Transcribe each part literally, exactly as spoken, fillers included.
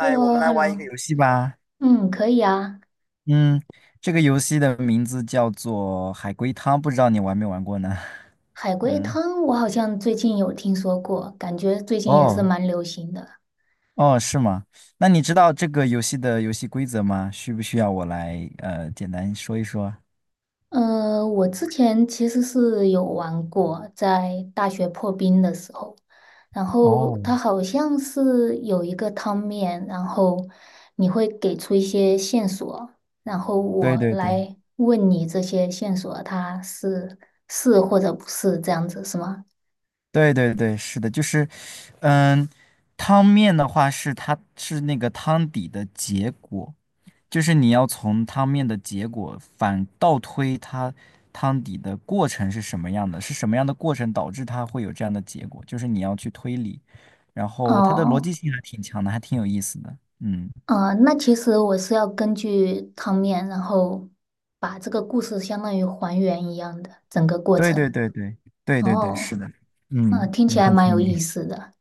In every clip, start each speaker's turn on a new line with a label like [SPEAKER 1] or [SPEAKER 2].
[SPEAKER 1] h e l l
[SPEAKER 2] 我
[SPEAKER 1] o
[SPEAKER 2] 们
[SPEAKER 1] h
[SPEAKER 2] 来
[SPEAKER 1] e l l o
[SPEAKER 2] 玩一个游戏吧。
[SPEAKER 1] 嗯，可以啊。
[SPEAKER 2] 嗯，这个游戏的名字叫做海龟汤，不知道你玩没玩过呢？
[SPEAKER 1] 海 龟
[SPEAKER 2] 嗯，
[SPEAKER 1] 汤我好像最近有听说过，感觉最近也是
[SPEAKER 2] 哦
[SPEAKER 1] 蛮流行的。
[SPEAKER 2] 哦，是吗？那你知道这个游戏的游戏规则吗？需不需要我来呃简单说一说？
[SPEAKER 1] 呃，我之前其实是有玩过，在大学破冰的时候，然后
[SPEAKER 2] 哦，
[SPEAKER 1] 它好像是有一个汤面，然后你会给出一些线索，然后我
[SPEAKER 2] 对对对
[SPEAKER 1] 来问你这些线索它是，是或者不是这样子，是吗？
[SPEAKER 2] 对对对，是的，就是，嗯，汤面的话是它是那个汤底的结果，就是你要从汤面的结果反倒推它汤底的过程是什么样的，是什么样的过程导致它会有这样的结果，就是你要去推理，然后它的逻
[SPEAKER 1] 哦。
[SPEAKER 2] 辑性还挺强的，还挺有意思的。嗯，
[SPEAKER 1] 呃，那其实我是要根据汤面，然后把这个故事相当于还原一样的整个过
[SPEAKER 2] 对对
[SPEAKER 1] 程。
[SPEAKER 2] 对对对对对，是
[SPEAKER 1] 哦，
[SPEAKER 2] 的，
[SPEAKER 1] 那
[SPEAKER 2] 嗯，
[SPEAKER 1] 听起
[SPEAKER 2] 你
[SPEAKER 1] 来
[SPEAKER 2] 很
[SPEAKER 1] 蛮
[SPEAKER 2] 聪
[SPEAKER 1] 有意
[SPEAKER 2] 明。
[SPEAKER 1] 思的。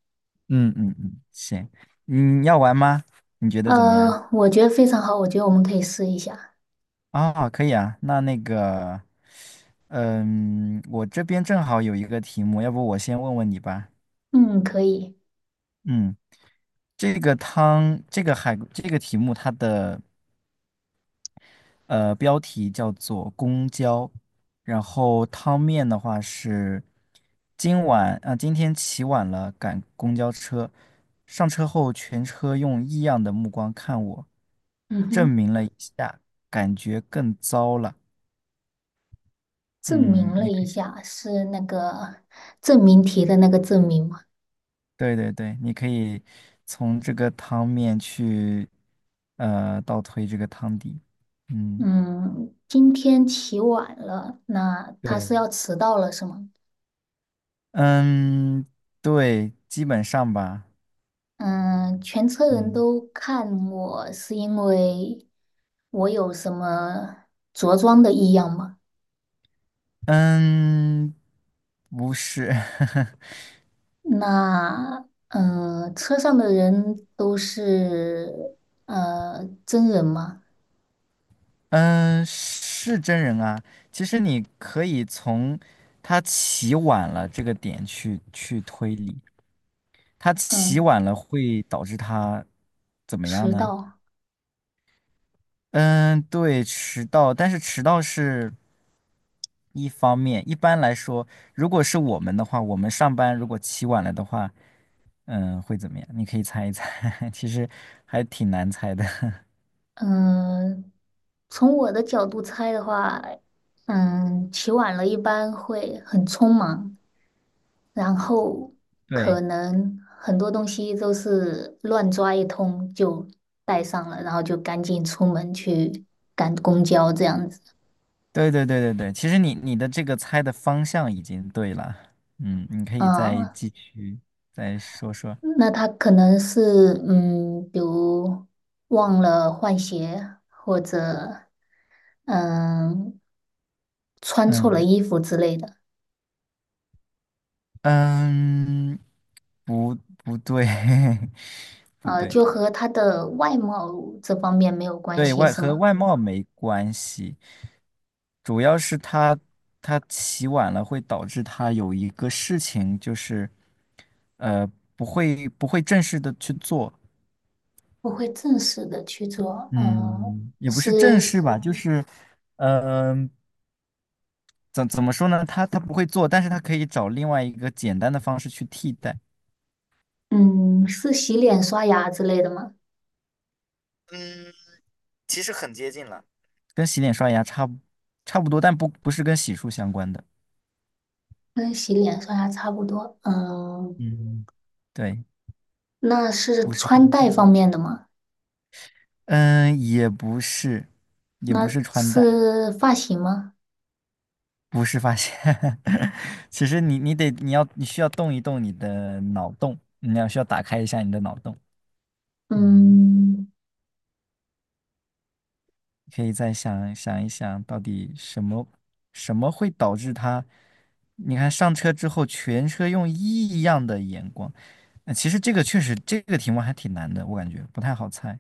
[SPEAKER 2] 嗯嗯嗯，行，你要玩吗？你觉得怎么样？
[SPEAKER 1] 呃，我觉得非常好，我觉得我们可以试一下。
[SPEAKER 2] 啊、可以啊，那那个，嗯，我这边正好有一个题目，要不我先问问你吧。
[SPEAKER 1] 嗯，可以。
[SPEAKER 2] 嗯。这个汤，这个海，这个题目它的呃标题叫做“公交”，然后汤面的话是今晚啊、今天起晚了赶公交车，上车后全车用异样的目光看我，
[SPEAKER 1] 嗯
[SPEAKER 2] 证
[SPEAKER 1] 哼，
[SPEAKER 2] 明了一下，感觉更糟了。
[SPEAKER 1] 证明
[SPEAKER 2] 嗯，
[SPEAKER 1] 了
[SPEAKER 2] 你
[SPEAKER 1] 一
[SPEAKER 2] 可以，
[SPEAKER 1] 下是那个证明题的那个证明嘛。
[SPEAKER 2] 对对对，你可以从这个汤面去呃倒推这个汤底。嗯，
[SPEAKER 1] 嗯，今天起晚了，那他是
[SPEAKER 2] 对。
[SPEAKER 1] 要迟到了是吗？
[SPEAKER 2] 嗯，对，基本上吧。
[SPEAKER 1] 嗯，全车人
[SPEAKER 2] 嗯
[SPEAKER 1] 都看我是因为。我有什么着装的异样吗？
[SPEAKER 2] 嗯，不是，
[SPEAKER 1] 那嗯，呃车上的人都是呃真人吗？
[SPEAKER 2] 嗯，是真人啊。其实你可以从他起晚了这个点去去推理，他起
[SPEAKER 1] 嗯，
[SPEAKER 2] 晚了会导致他怎么样
[SPEAKER 1] 迟
[SPEAKER 2] 呢？
[SPEAKER 1] 到。
[SPEAKER 2] 嗯，对，迟到，但是迟到是一方面。一般来说，如果是我们的话，我们上班如果起晚了的话，嗯，会怎么样？你可以猜一猜，其实还挺难猜的。
[SPEAKER 1] 嗯，从我的角度猜的话，嗯，起晚了一般会很匆忙，然后可
[SPEAKER 2] 对，
[SPEAKER 1] 能很多东西都是乱抓一通就带上了，然后就赶紧出门去赶公交这样子。
[SPEAKER 2] 对对对对对，其实你你的这个猜的方向已经对了。嗯，你可以再
[SPEAKER 1] 嗯，
[SPEAKER 2] 继续再说说。
[SPEAKER 1] 那他可能是，嗯，比如忘了换鞋，或者嗯穿错了
[SPEAKER 2] 嗯
[SPEAKER 1] 衣服之类的。
[SPEAKER 2] 嗯，不不对，不
[SPEAKER 1] 呃，
[SPEAKER 2] 对。
[SPEAKER 1] 就和他的外貌这方面没有关
[SPEAKER 2] 对
[SPEAKER 1] 系，
[SPEAKER 2] 外
[SPEAKER 1] 是
[SPEAKER 2] 和
[SPEAKER 1] 吗？
[SPEAKER 2] 外貌没关系，主要是他他起晚了会导致他有一个事情就是，呃，不会不会正式的去做，
[SPEAKER 1] 我会正式的去做，呃，
[SPEAKER 2] 嗯，也不
[SPEAKER 1] 是
[SPEAKER 2] 是正式吧，就是，嗯、怎怎么说呢？他他不会做，但是他可以找另外一个简单的方式去替代，
[SPEAKER 1] 嗯是洗脸刷牙之类的吗？
[SPEAKER 2] 嗯，其实很接近了。跟洗脸刷牙差不差不多，但不不是跟洗漱相关的，
[SPEAKER 1] 跟洗脸刷牙差不多，嗯，
[SPEAKER 2] 嗯，对，
[SPEAKER 1] 那是
[SPEAKER 2] 不是。
[SPEAKER 1] 穿戴方面的吗？
[SPEAKER 2] 嗯，也不是，也不
[SPEAKER 1] 那
[SPEAKER 2] 是穿戴，
[SPEAKER 1] 是发型吗？
[SPEAKER 2] 不是发现。其实你你得你要你需要动一动你的脑洞，你要需要打开一下你的脑洞。嗯，
[SPEAKER 1] 嗯。
[SPEAKER 2] 可以再想想一想，到底什么什么会导致他？你看上车之后，全车用异样的眼光。那其实这个确实这个题目还挺难的，我感觉不太好猜。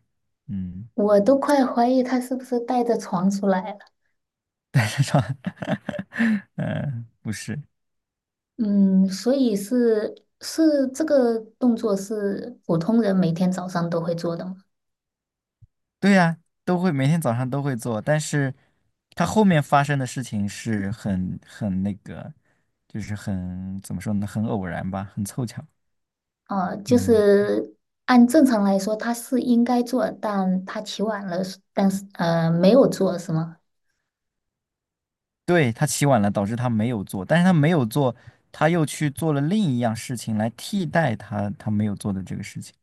[SPEAKER 2] 嗯，
[SPEAKER 1] 我都快怀疑他是不是带着床出来了。
[SPEAKER 2] 嗯，呃不是。
[SPEAKER 1] 嗯，所以是是这个动作是普通人每天早上都会做的吗？
[SPEAKER 2] 对呀，都会每天早上都会做，但是他后面发生的事情是很很那个，就是很怎么说呢，很偶然吧，很凑巧。
[SPEAKER 1] 啊，就
[SPEAKER 2] 嗯，
[SPEAKER 1] 是按正常来说他是应该做，但他起晚了，但是呃没有做是吗？
[SPEAKER 2] 对，他起晚了，导致他没有做，但是他没有做，他又去做了另一样事情来替代他他没有做的这个事情。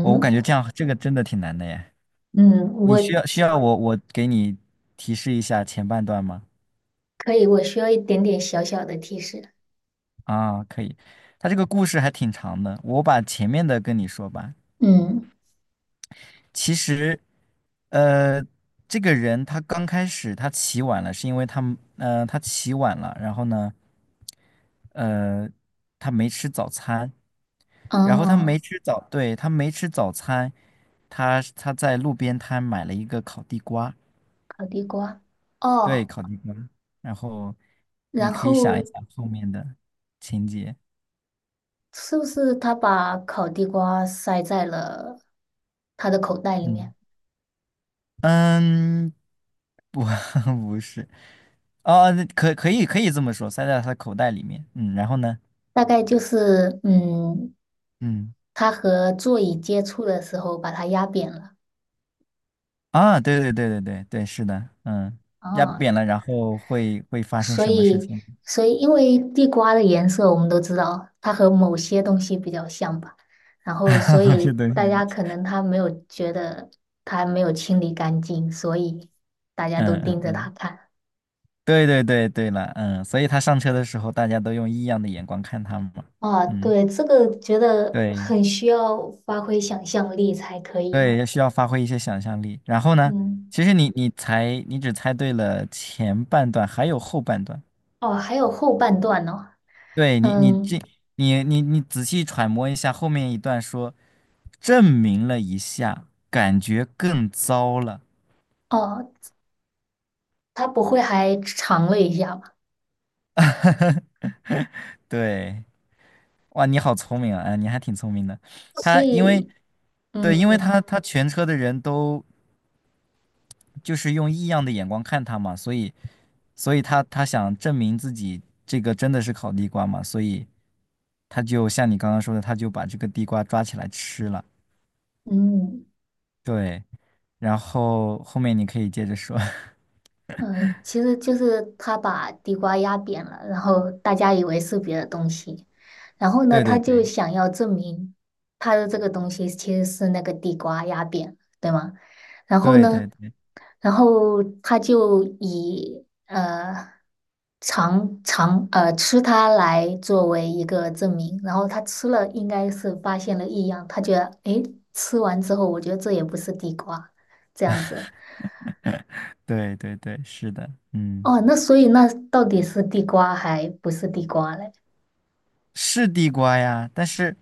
[SPEAKER 2] 我我感觉这样这个真的挺难的耶。
[SPEAKER 1] 嗯，
[SPEAKER 2] 你
[SPEAKER 1] 我
[SPEAKER 2] 需要需要我我给你提示一下前半段吗？
[SPEAKER 1] 可以，我需要一点点小小的提示。
[SPEAKER 2] 啊，可以。他这个故事还挺长的，我把前面的跟你说吧。
[SPEAKER 1] 嗯，
[SPEAKER 2] 其实，呃，这个人他刚开始他起晚了，是因为他们呃他起晚了，然后呢，呃，他没吃早餐，然后他没
[SPEAKER 1] 哦，
[SPEAKER 2] 吃早，对，他没吃早餐，他他在路边摊买了一个烤地瓜，
[SPEAKER 1] 烤地瓜，
[SPEAKER 2] 对，
[SPEAKER 1] 哦，
[SPEAKER 2] 烤地瓜，然后
[SPEAKER 1] 然
[SPEAKER 2] 你可以
[SPEAKER 1] 后
[SPEAKER 2] 想一想后面的情节，
[SPEAKER 1] 是不是他把烤地瓜塞在了他的口袋里
[SPEAKER 2] 嗯
[SPEAKER 1] 面？
[SPEAKER 2] 嗯，不 不是，哦，可可以可以这么说，塞在他的口袋里面，嗯，然后呢，
[SPEAKER 1] 大概就是，嗯，
[SPEAKER 2] 嗯。
[SPEAKER 1] 他和座椅接触的时候把它压扁了。
[SPEAKER 2] 啊，对对对对对对，是的，嗯，压扁
[SPEAKER 1] 啊，
[SPEAKER 2] 了，然后会会发生
[SPEAKER 1] 所
[SPEAKER 2] 什么事
[SPEAKER 1] 以，
[SPEAKER 2] 情？
[SPEAKER 1] 所以因为地瓜的颜色我们都知道，它和某些东西比较像吧。然后，所
[SPEAKER 2] 是
[SPEAKER 1] 以
[SPEAKER 2] 的，
[SPEAKER 1] 大
[SPEAKER 2] 是
[SPEAKER 1] 家
[SPEAKER 2] 的，
[SPEAKER 1] 可能他没有觉得他没有清理干净，所以大家都
[SPEAKER 2] 嗯
[SPEAKER 1] 盯
[SPEAKER 2] 嗯
[SPEAKER 1] 着他
[SPEAKER 2] 嗯，
[SPEAKER 1] 看。
[SPEAKER 2] 对对对对了，嗯，所以他上车的时候，大家都用异样的眼光看他嘛，
[SPEAKER 1] 啊，
[SPEAKER 2] 嗯，
[SPEAKER 1] 对，这个觉得
[SPEAKER 2] 对
[SPEAKER 1] 很需要发挥想象力才可以呢。
[SPEAKER 2] 对，需要发挥一些想象力。然后呢，
[SPEAKER 1] 嗯，
[SPEAKER 2] 其实你你才你只猜对了前半段，还有后半段。
[SPEAKER 1] 哦，还有后半段呢。
[SPEAKER 2] 对你你这
[SPEAKER 1] 嗯，
[SPEAKER 2] 你你你仔细揣摩一下后面一段说，证明了一下，感觉更糟了。
[SPEAKER 1] 哦，他不会还尝了一下吧？
[SPEAKER 2] 对，哇，你好聪明啊！哎，你还挺聪明的。
[SPEAKER 1] 所
[SPEAKER 2] 他因为，
[SPEAKER 1] 以，
[SPEAKER 2] 对，因为
[SPEAKER 1] 嗯
[SPEAKER 2] 他他全车的人都就是用异样的眼光看他嘛，所以所以他他想证明自己这个真的是烤地瓜嘛，所以他就像你刚刚说的，他就把这个地瓜抓起来吃了。
[SPEAKER 1] 嗯
[SPEAKER 2] 对，然后后面你可以接着说。
[SPEAKER 1] 呃，其实就是他把地瓜压扁了，然后大家以为是别的东西，然后呢，
[SPEAKER 2] 对对
[SPEAKER 1] 他就
[SPEAKER 2] 对
[SPEAKER 1] 想要证明他的这个东西其实是那个地瓜压扁，对吗？然后
[SPEAKER 2] 对
[SPEAKER 1] 呢，
[SPEAKER 2] 对对
[SPEAKER 1] 然后他就以呃尝尝呃吃它来作为一个证明，然后他吃了应该是发现了异样，他觉得诶，吃完之后我觉得这也不是地瓜，这样子。
[SPEAKER 2] 对对对，是的，嗯。
[SPEAKER 1] 哦，那所以那到底是地瓜还不是地瓜嘞？
[SPEAKER 2] 是地瓜呀，但是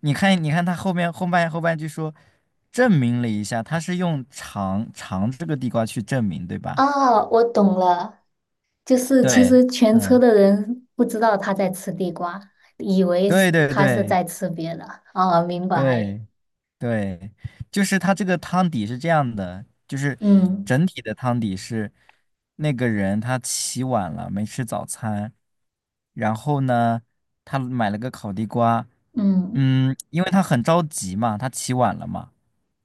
[SPEAKER 2] 你看，你看他后面后半后半句说，证明了一下，他是用尝尝这个地瓜去证明，对吧？
[SPEAKER 1] 啊，我懂了，就是其
[SPEAKER 2] 对，
[SPEAKER 1] 实全车
[SPEAKER 2] 嗯，
[SPEAKER 1] 的人不知道他在吃地瓜，以为是
[SPEAKER 2] 对对
[SPEAKER 1] 他是
[SPEAKER 2] 对
[SPEAKER 1] 在吃别的。哦，明白，
[SPEAKER 2] 对对，就是他这个汤底是这样的，就是
[SPEAKER 1] 嗯
[SPEAKER 2] 整体的汤底是那个人他起晚了，没吃早餐，然后呢，他买了个烤地瓜，
[SPEAKER 1] 嗯
[SPEAKER 2] 嗯，因为他很着急嘛，他起晚了嘛。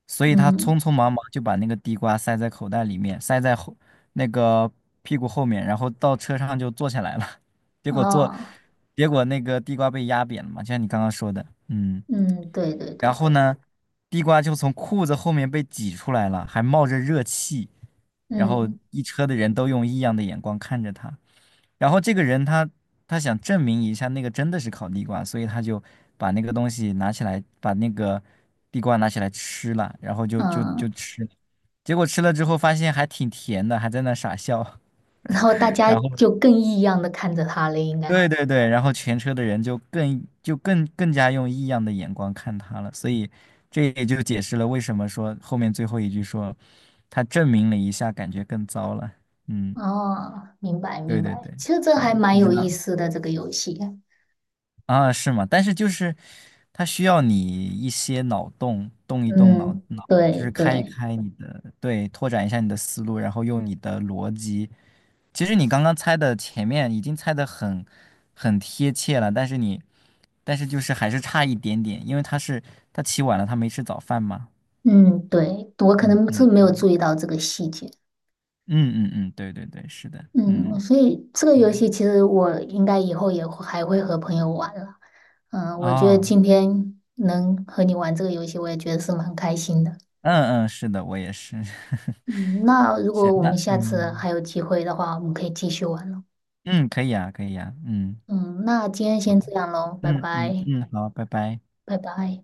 [SPEAKER 2] 所以他
[SPEAKER 1] 嗯，
[SPEAKER 2] 匆匆忙忙就把那个地瓜塞在口袋里面，塞在后那个屁股后面，然后到车上就坐下来了。结果坐，
[SPEAKER 1] 哦，
[SPEAKER 2] 结果那个地瓜被压扁了嘛，就像你刚刚说的，嗯。
[SPEAKER 1] 嗯，对对
[SPEAKER 2] 然
[SPEAKER 1] 对，
[SPEAKER 2] 后呢，地瓜就从裤子后面被挤出来了，还冒着热气，然后
[SPEAKER 1] 嗯
[SPEAKER 2] 一车的人都用异样的眼光看着他。然后这个人他他想证明一下那个真的是烤地瓜，所以他就把那个东西拿起来，把那个地瓜拿起来吃了，然后就就就
[SPEAKER 1] 嗯。
[SPEAKER 2] 吃了，结果吃了之后发现还挺甜的，还在那傻笑。
[SPEAKER 1] 然后大 家
[SPEAKER 2] 然后
[SPEAKER 1] 就更异样的看着他了，应该。
[SPEAKER 2] 对对对，然后全车的人就更就更更加用异样的眼光看他了，所以这也就解释了为什么说后面最后一句说他证明了一下，感觉更糟了。嗯，
[SPEAKER 1] 哦，明白
[SPEAKER 2] 对
[SPEAKER 1] 明
[SPEAKER 2] 对
[SPEAKER 1] 白，
[SPEAKER 2] 对
[SPEAKER 1] 其实这还
[SPEAKER 2] 对，
[SPEAKER 1] 蛮
[SPEAKER 2] 不知
[SPEAKER 1] 有意
[SPEAKER 2] 道。
[SPEAKER 1] 思的这个游戏。
[SPEAKER 2] 啊，是吗？但是就是它需要你一些脑洞，动一动脑
[SPEAKER 1] 嗯，
[SPEAKER 2] 脑，就
[SPEAKER 1] 对
[SPEAKER 2] 是开一
[SPEAKER 1] 对，
[SPEAKER 2] 开你的，对，拓展一下你的思路，然后用你的逻辑。其实你刚刚猜的前面已经猜的很很贴切了，但是你但是就是还是差一点点，因为他是他起晚了，他没吃早饭嘛。
[SPEAKER 1] 嗯对，我可
[SPEAKER 2] 嗯
[SPEAKER 1] 能是没
[SPEAKER 2] 嗯
[SPEAKER 1] 有注意到这个细节。
[SPEAKER 2] 嗯嗯嗯，对对对，是的，
[SPEAKER 1] 嗯，
[SPEAKER 2] 嗯
[SPEAKER 1] 所以这个游
[SPEAKER 2] 嗯
[SPEAKER 1] 戏其实我应该以后也会还会和朋友玩了。嗯，我觉得
[SPEAKER 2] 哦，
[SPEAKER 1] 今天能和你玩这个游戏，我也觉得是蛮开心的。
[SPEAKER 2] 嗯嗯，是的，我也是。
[SPEAKER 1] 嗯，那如
[SPEAKER 2] 行，
[SPEAKER 1] 果我
[SPEAKER 2] 那
[SPEAKER 1] 们下次
[SPEAKER 2] 嗯
[SPEAKER 1] 还有机会的话，我们可以继续玩了。
[SPEAKER 2] 嗯，可以啊，可以啊，嗯。
[SPEAKER 1] 嗯，那今天先这样喽，拜
[SPEAKER 2] 嗯嗯
[SPEAKER 1] 拜。
[SPEAKER 2] 嗯，好，拜拜。
[SPEAKER 1] 拜拜。